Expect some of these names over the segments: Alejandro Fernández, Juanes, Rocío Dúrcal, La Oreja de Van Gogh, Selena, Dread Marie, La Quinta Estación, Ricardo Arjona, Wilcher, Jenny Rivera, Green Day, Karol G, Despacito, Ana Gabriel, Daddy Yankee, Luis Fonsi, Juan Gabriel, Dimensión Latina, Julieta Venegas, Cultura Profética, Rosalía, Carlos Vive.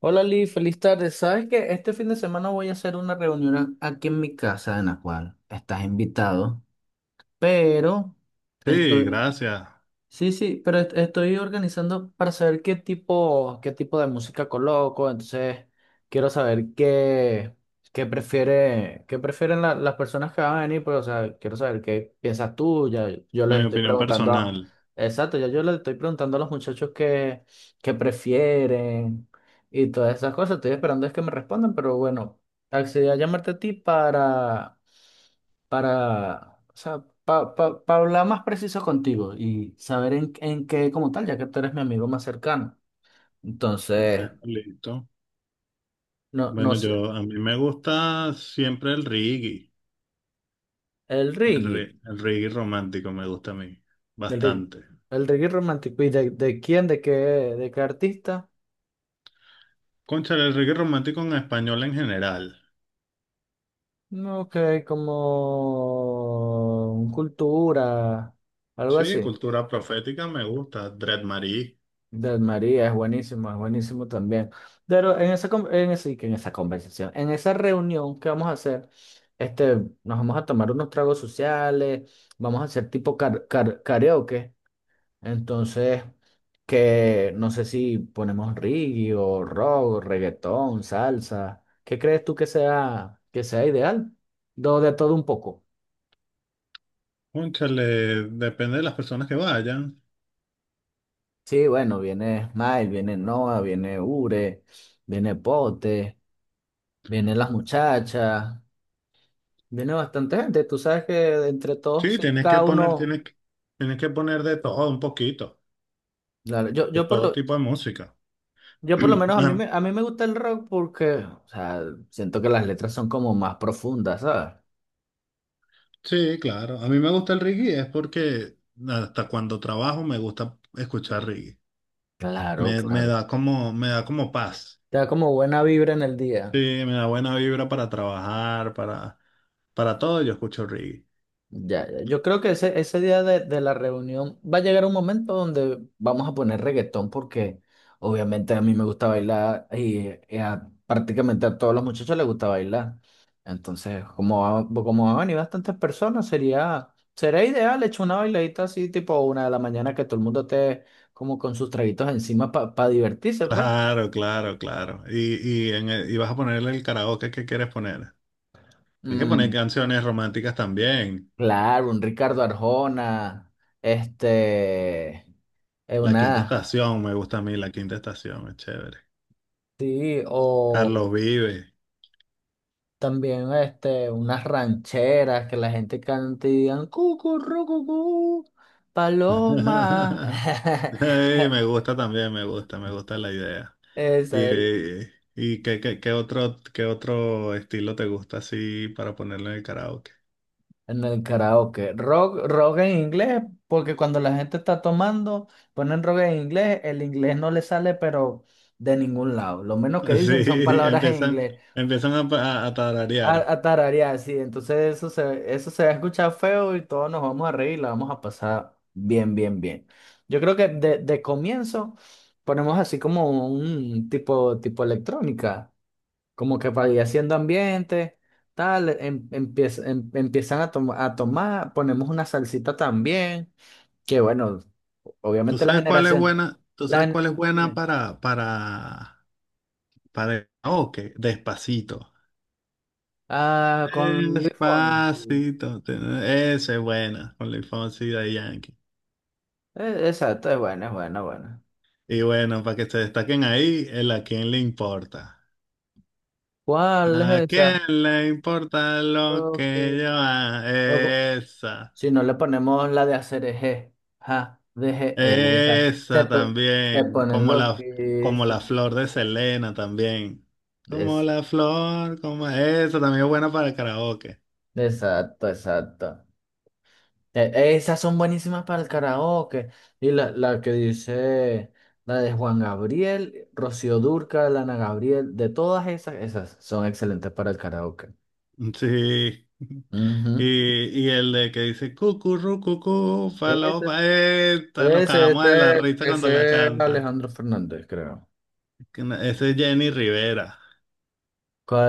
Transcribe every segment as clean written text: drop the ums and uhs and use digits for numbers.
Hola Lee, feliz tarde. Sabes que este fin de semana voy a hacer una reunión aquí en mi casa en la cual estás invitado, pero esto, Sí, gracias. sí, sí, pero estoy organizando para saber qué tipo de música coloco, entonces quiero saber qué prefiere, qué prefieren las personas que van a venir, pues, o sea, quiero saber qué piensas tú, ya yo les Mi estoy opinión preguntando, personal. exacto, ya yo les estoy preguntando a los muchachos qué prefieren y todas esas cosas, estoy esperando es que me respondan, pero bueno, accedí a llamarte a ti para, o sea, para hablar más preciso contigo y saber en qué como tal, ya que tú eres mi amigo más cercano. Entonces, Bueno, listo. no, no Bueno, sé, yo a mí me gusta siempre el reggae, el reggae, el reggae romántico me gusta a mí el reggae, bastante. el reggae romántico, ¿y de quién, de qué artista? Cónchale, el reggae romántico en español en general. No, que como cultura, algo Sí, así. cultura profética me gusta, Dread Marie. Del María, es buenísimo también. Pero en esa conversación, en esa reunión que vamos a hacer, este, nos vamos a tomar unos tragos sociales, vamos a hacer tipo karaoke. Entonces, que no sé si ponemos reggae o rock, o reggaetón, salsa. ¿Qué crees tú que sea ideal? Do de todo un poco. Cónchale, depende de las personas que vayan. Sí, bueno, viene Smile, viene Noah, viene Ure, viene Pote, vienen las muchachas. Viene bastante gente, tú sabes que entre todos, Sí, cada uno, tienes que poner de todo un poquito, claro, de todo tipo de música. yo por lo menos A a mí me gusta el rock porque, o sea, siento que las letras son como más profundas, ¿sabes? sí, claro. A mí me gusta el reggae, es porque hasta cuando trabajo me gusta escuchar reggae. Claro, Me claro. da me da como paz. Te da como buena vibra en el Sí, día. me da buena vibra para trabajar, para todo yo escucho reggae. Ya, ya. Yo creo que ese día de la reunión va a llegar un momento donde vamos a poner reggaetón porque obviamente a mí me gusta bailar y prácticamente a todos los muchachos les gusta bailar. Entonces, como van a venir bastantes personas, sería, sería ideal echar una bailadita así tipo una de la mañana que todo el mundo esté como con sus traguitos encima para divertirse, pues. Claro, claro, claro. Y vas a ponerle el karaoke que quieres poner. Tienes que poner Mm, canciones románticas también. claro, un Ricardo Arjona, este, es La Quinta una... Estación, me gusta a mí La Quinta Estación, es chévere. Sí, o... Carlos Vive. También este, unas rancheras que la gente canta y digan cucurrucucú, paloma. Sí, me gusta también, me gusta la idea. ¿Y, Esa es qué otro estilo te gusta así para ponerlo en el karaoke? en el karaoke. Rock, rock en inglés, porque cuando la gente está tomando, ponen rock en inglés, el inglés no le sale, pero de ningún lado. Lo menos que dicen son Sí, palabras en empiezan, inglés. A tararear. A tararear, sí. Entonces eso se va a escuchar feo y todos nos vamos a reír y la vamos a pasar bien, bien, bien. Yo creo que de comienzo ponemos así como un tipo, tipo electrónica, como que para ir haciendo ambiente, tal, empiezan a tomar, ponemos una salsita también, que bueno, ¿Tú obviamente la sabes cuál es generación, buena? ¿Tú la sabes gen- cuál es buena dime. Para el karaoke? Despacito. Ah, con Luis Fonsi. Despacito. Esa es buena, con Luis Fonsi y Daddy Yankee. Exacto, es buena, buena. Y bueno, para que se destaquen ahí, el a quién le importa. ¿Cuál es ¿A quién esa? le importa lo Ok. que yo O haga? Esa. si no le ponemos la de hacer eje, ja, deje, esa. Se, Esa po- se también, ponen como la loquísimos. flor de Selena también. Como Es, la flor, como esa también es buena para el karaoke. exacto, exacto. Esas son buenísimas para el karaoke. Y la que dice, la de Juan Gabriel, Rocío Dúrcal, Ana Gabriel, de todas esas, esas son excelentes para el karaoke. Sí. Ujú. Y el de que dice cucurru cucú, Ese, falopa, esta, nos cagamos de la risa cuando la ese es canta. Alejandro Fernández, creo. Que no- Ese es Jenny Rivera,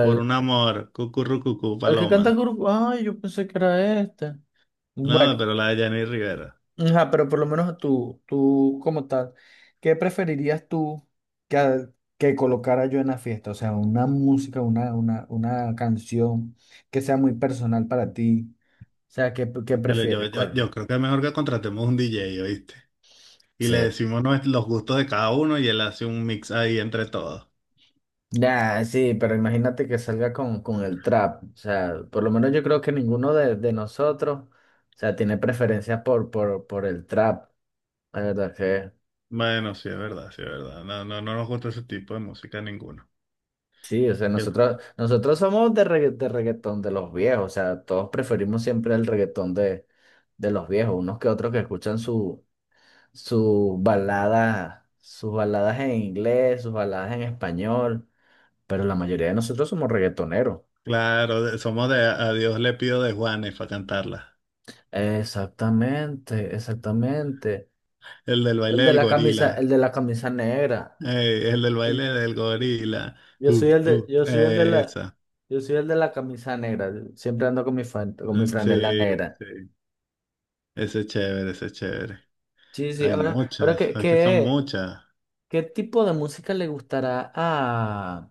por un amor, cucurru cucú, El que paloma. canta grupo. Ay, yo pensé que era este. No, Bueno, pero la de Jenny Rivera. ajá, pero por lo menos a tú como tal, ¿qué preferirías tú que, a- que colocara yo en la fiesta? O sea, una música, una canción que sea muy personal para ti. O sea, ¿qué, qué Cónchale, prefieres? ¿Cuál? yo creo que es mejor que contratemos un DJ, ¿oíste? Y le Sí. decimos los gustos de cada uno y él hace un mix ahí entre todos. Nah, sí, pero imagínate que salga con el trap. O sea, por lo menos yo creo que ninguno de nosotros, o sea, tiene preferencia por el trap. La verdad que. Bueno, sí, es verdad, sí, es verdad. No, no nos gusta ese tipo de música ninguno. Sí, o sea, Yo- nosotros somos de reggaetón de los viejos, o sea, todos preferimos siempre el reggaetón de los viejos, unos que otros que escuchan sus baladas en inglés, sus baladas en español, pero la mayoría de nosotros somos reggaetoneros. claro, somos de A Dios le pido de Juanes para cantarla. Exactamente, exactamente. El del baile del gorila. El de la camisa negra. Ey, el del baile Ay, del gorila. Yo soy el de, yo soy el de la, Esa. yo soy el de la camisa negra. Siempre ando con con mi Mm, franela sí, negra. sí. Ese es chévere, ese es chévere. Sí, sí, Hay ahora muchas, hay que son muchas. qué tipo de música le gustará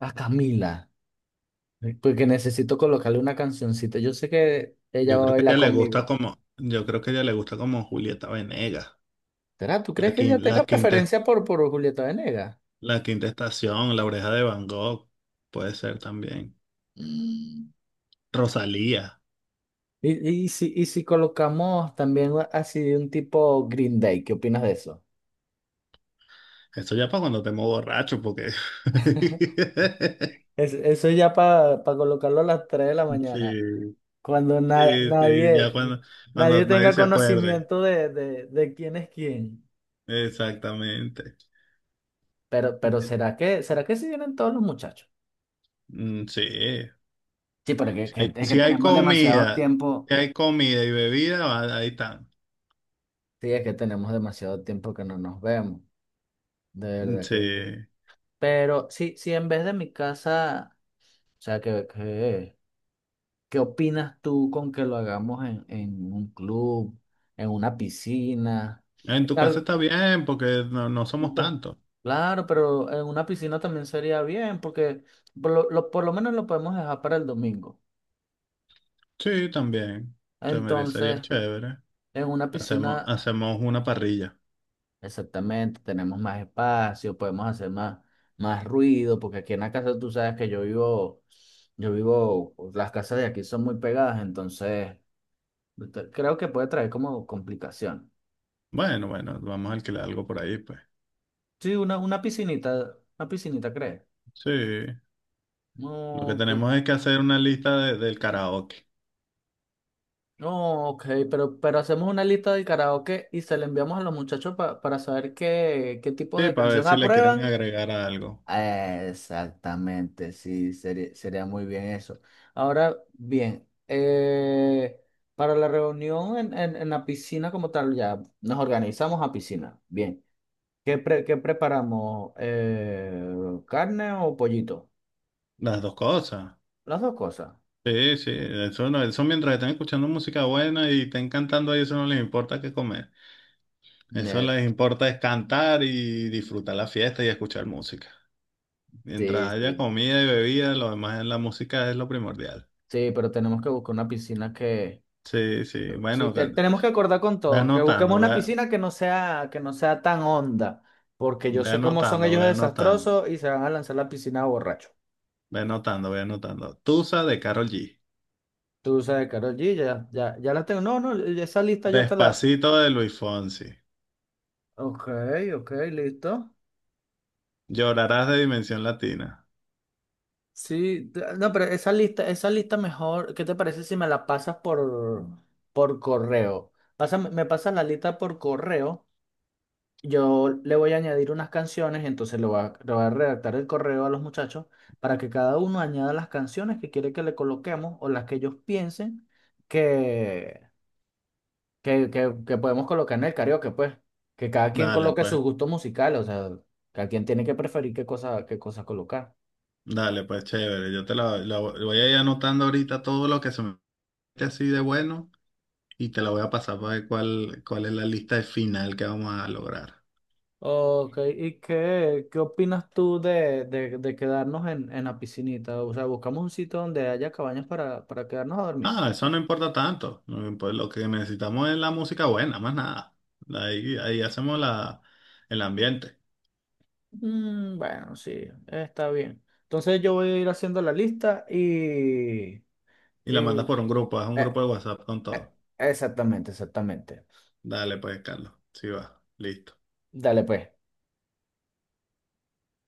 a Camila? Porque necesito colocarle una cancioncita. Yo sé que ella va a bailar conmigo. Yo creo que a ella le gusta como Julieta Venegas. ¿Será? ¿Tú La, crees que ella quin- la tenga quinta preferencia por Julieta Venegas? La Quinta Estación, La Oreja de Van Gogh, puede ser también. Mm. Rosalía. Y si colocamos también así de un tipo Green Day, ¿qué opinas de eso? Eso ya para cuando te muevo borracho, porque... Eso ya para colocarlo a las 3 de la Sí, mañana, cuando sí, sí, ya nadie, cuando, nadie cuando nadie tenga se acuerde. conocimiento de quién es quién. Exactamente. Pero será que si vienen todos los muchachos? Mm, sí, Sí, porque si hay, es que si hay tenemos demasiado comida, tiempo. si hay comida y bebida, ahí están. Sí, es que tenemos demasiado tiempo que no nos vemos, de Mm, verdad que sí. sí. Pero sí, sí, en vez de mi casa, o sea, qué opinas tú con que lo hagamos en un club, en una piscina? En En tu al- casa está bien, porque no, no somos pe- tantos. claro, pero en una piscina también sería bien, porque por lo menos lo podemos dejar para el domingo. Sí, también. Se merecería Entonces, chévere. en una Hacemos, piscina hacemos una parrilla. exactamente, tenemos más espacio, podemos hacer más, más ruido, porque aquí en la casa tú sabes que yo vivo, las casas de aquí son muy pegadas, entonces creo que puede traer como complicación. Bueno, bueno, vamos a alquilar algo por ahí, pues. Sí, una piscinita, ¿crees? Sí, lo No, que ok, tenemos es que hacer una lista del karaoke. no, ok, pero hacemos una lista de karaoke y se la enviamos a los muchachos para saber qué tipo Sí, de para ver canción si le quieren aprueban. agregar algo. Ah, exactamente, sí, sería, sería muy bien eso. Ahora bien, para la reunión en la piscina como tal, ya nos organizamos a piscina. Bien, qué preparamos? ¿Carne o pollito? Las dos cosas. Las dos cosas. Sí, sí, eso no, eso mientras están escuchando música buena y estén cantando ahí, eso no les importa qué comer. Eso Eh, les importa es cantar y disfrutar la fiesta y escuchar música. Mientras sí, haya sí. comida y bebida, lo demás es la música es lo primordial. Sí, pero tenemos que buscar una piscina que Sí, sí, sí, bueno, tenemos que acordar con ve todos, que busquemos anotando, una ve, piscina que no sea tan honda, porque yo ve sé cómo son anotando, ellos ve de anotando. desastrosos y se van a lanzar la piscina borracho. Ve anotando, ve anotando. Tusa de Karol G. Tú sabes, Karol G, ya, ya, ya la tengo. No, no, esa lista yo te la. Despacito de Luis Fonsi. Ok, ok, listo. Llorarás de Dimensión Latina. Sí, no, pero esa lista mejor, ¿qué te parece si me la pasas por correo? Me pasas la lista por correo. Yo le voy a añadir unas canciones, entonces le voy a redactar el correo a los muchachos para que cada uno añada las canciones que quiere que le coloquemos o las que ellos piensen que, que podemos colocar en el karaoke, pues. Que cada quien Dale, coloque pues. sus gustos musicales, o sea, cada quien tiene que preferir qué cosa colocar. Dale, pues, chévere. Yo te la, la vo- voy a ir anotando ahorita todo lo que se me mete así de bueno y te la voy a pasar para ver cuál, cuál es la lista final que vamos a lograr. Ok, ¿y qué opinas tú de quedarnos en la piscinita? O sea, buscamos un sitio donde haya cabañas para quedarnos a dormir. No, eso no importa tanto. No impo- Lo que necesitamos es la música buena, más nada. Ahí, ahí hacemos la, el ambiente. Mm, bueno, sí, está bien. Entonces yo voy a ir haciendo la lista y... Y la mandas y- por un grupo, haz un eh, grupo de WhatsApp con eh, todo. exactamente, exactamente. Dale, pues, Carlos. Sí va. Listo. Dale pues.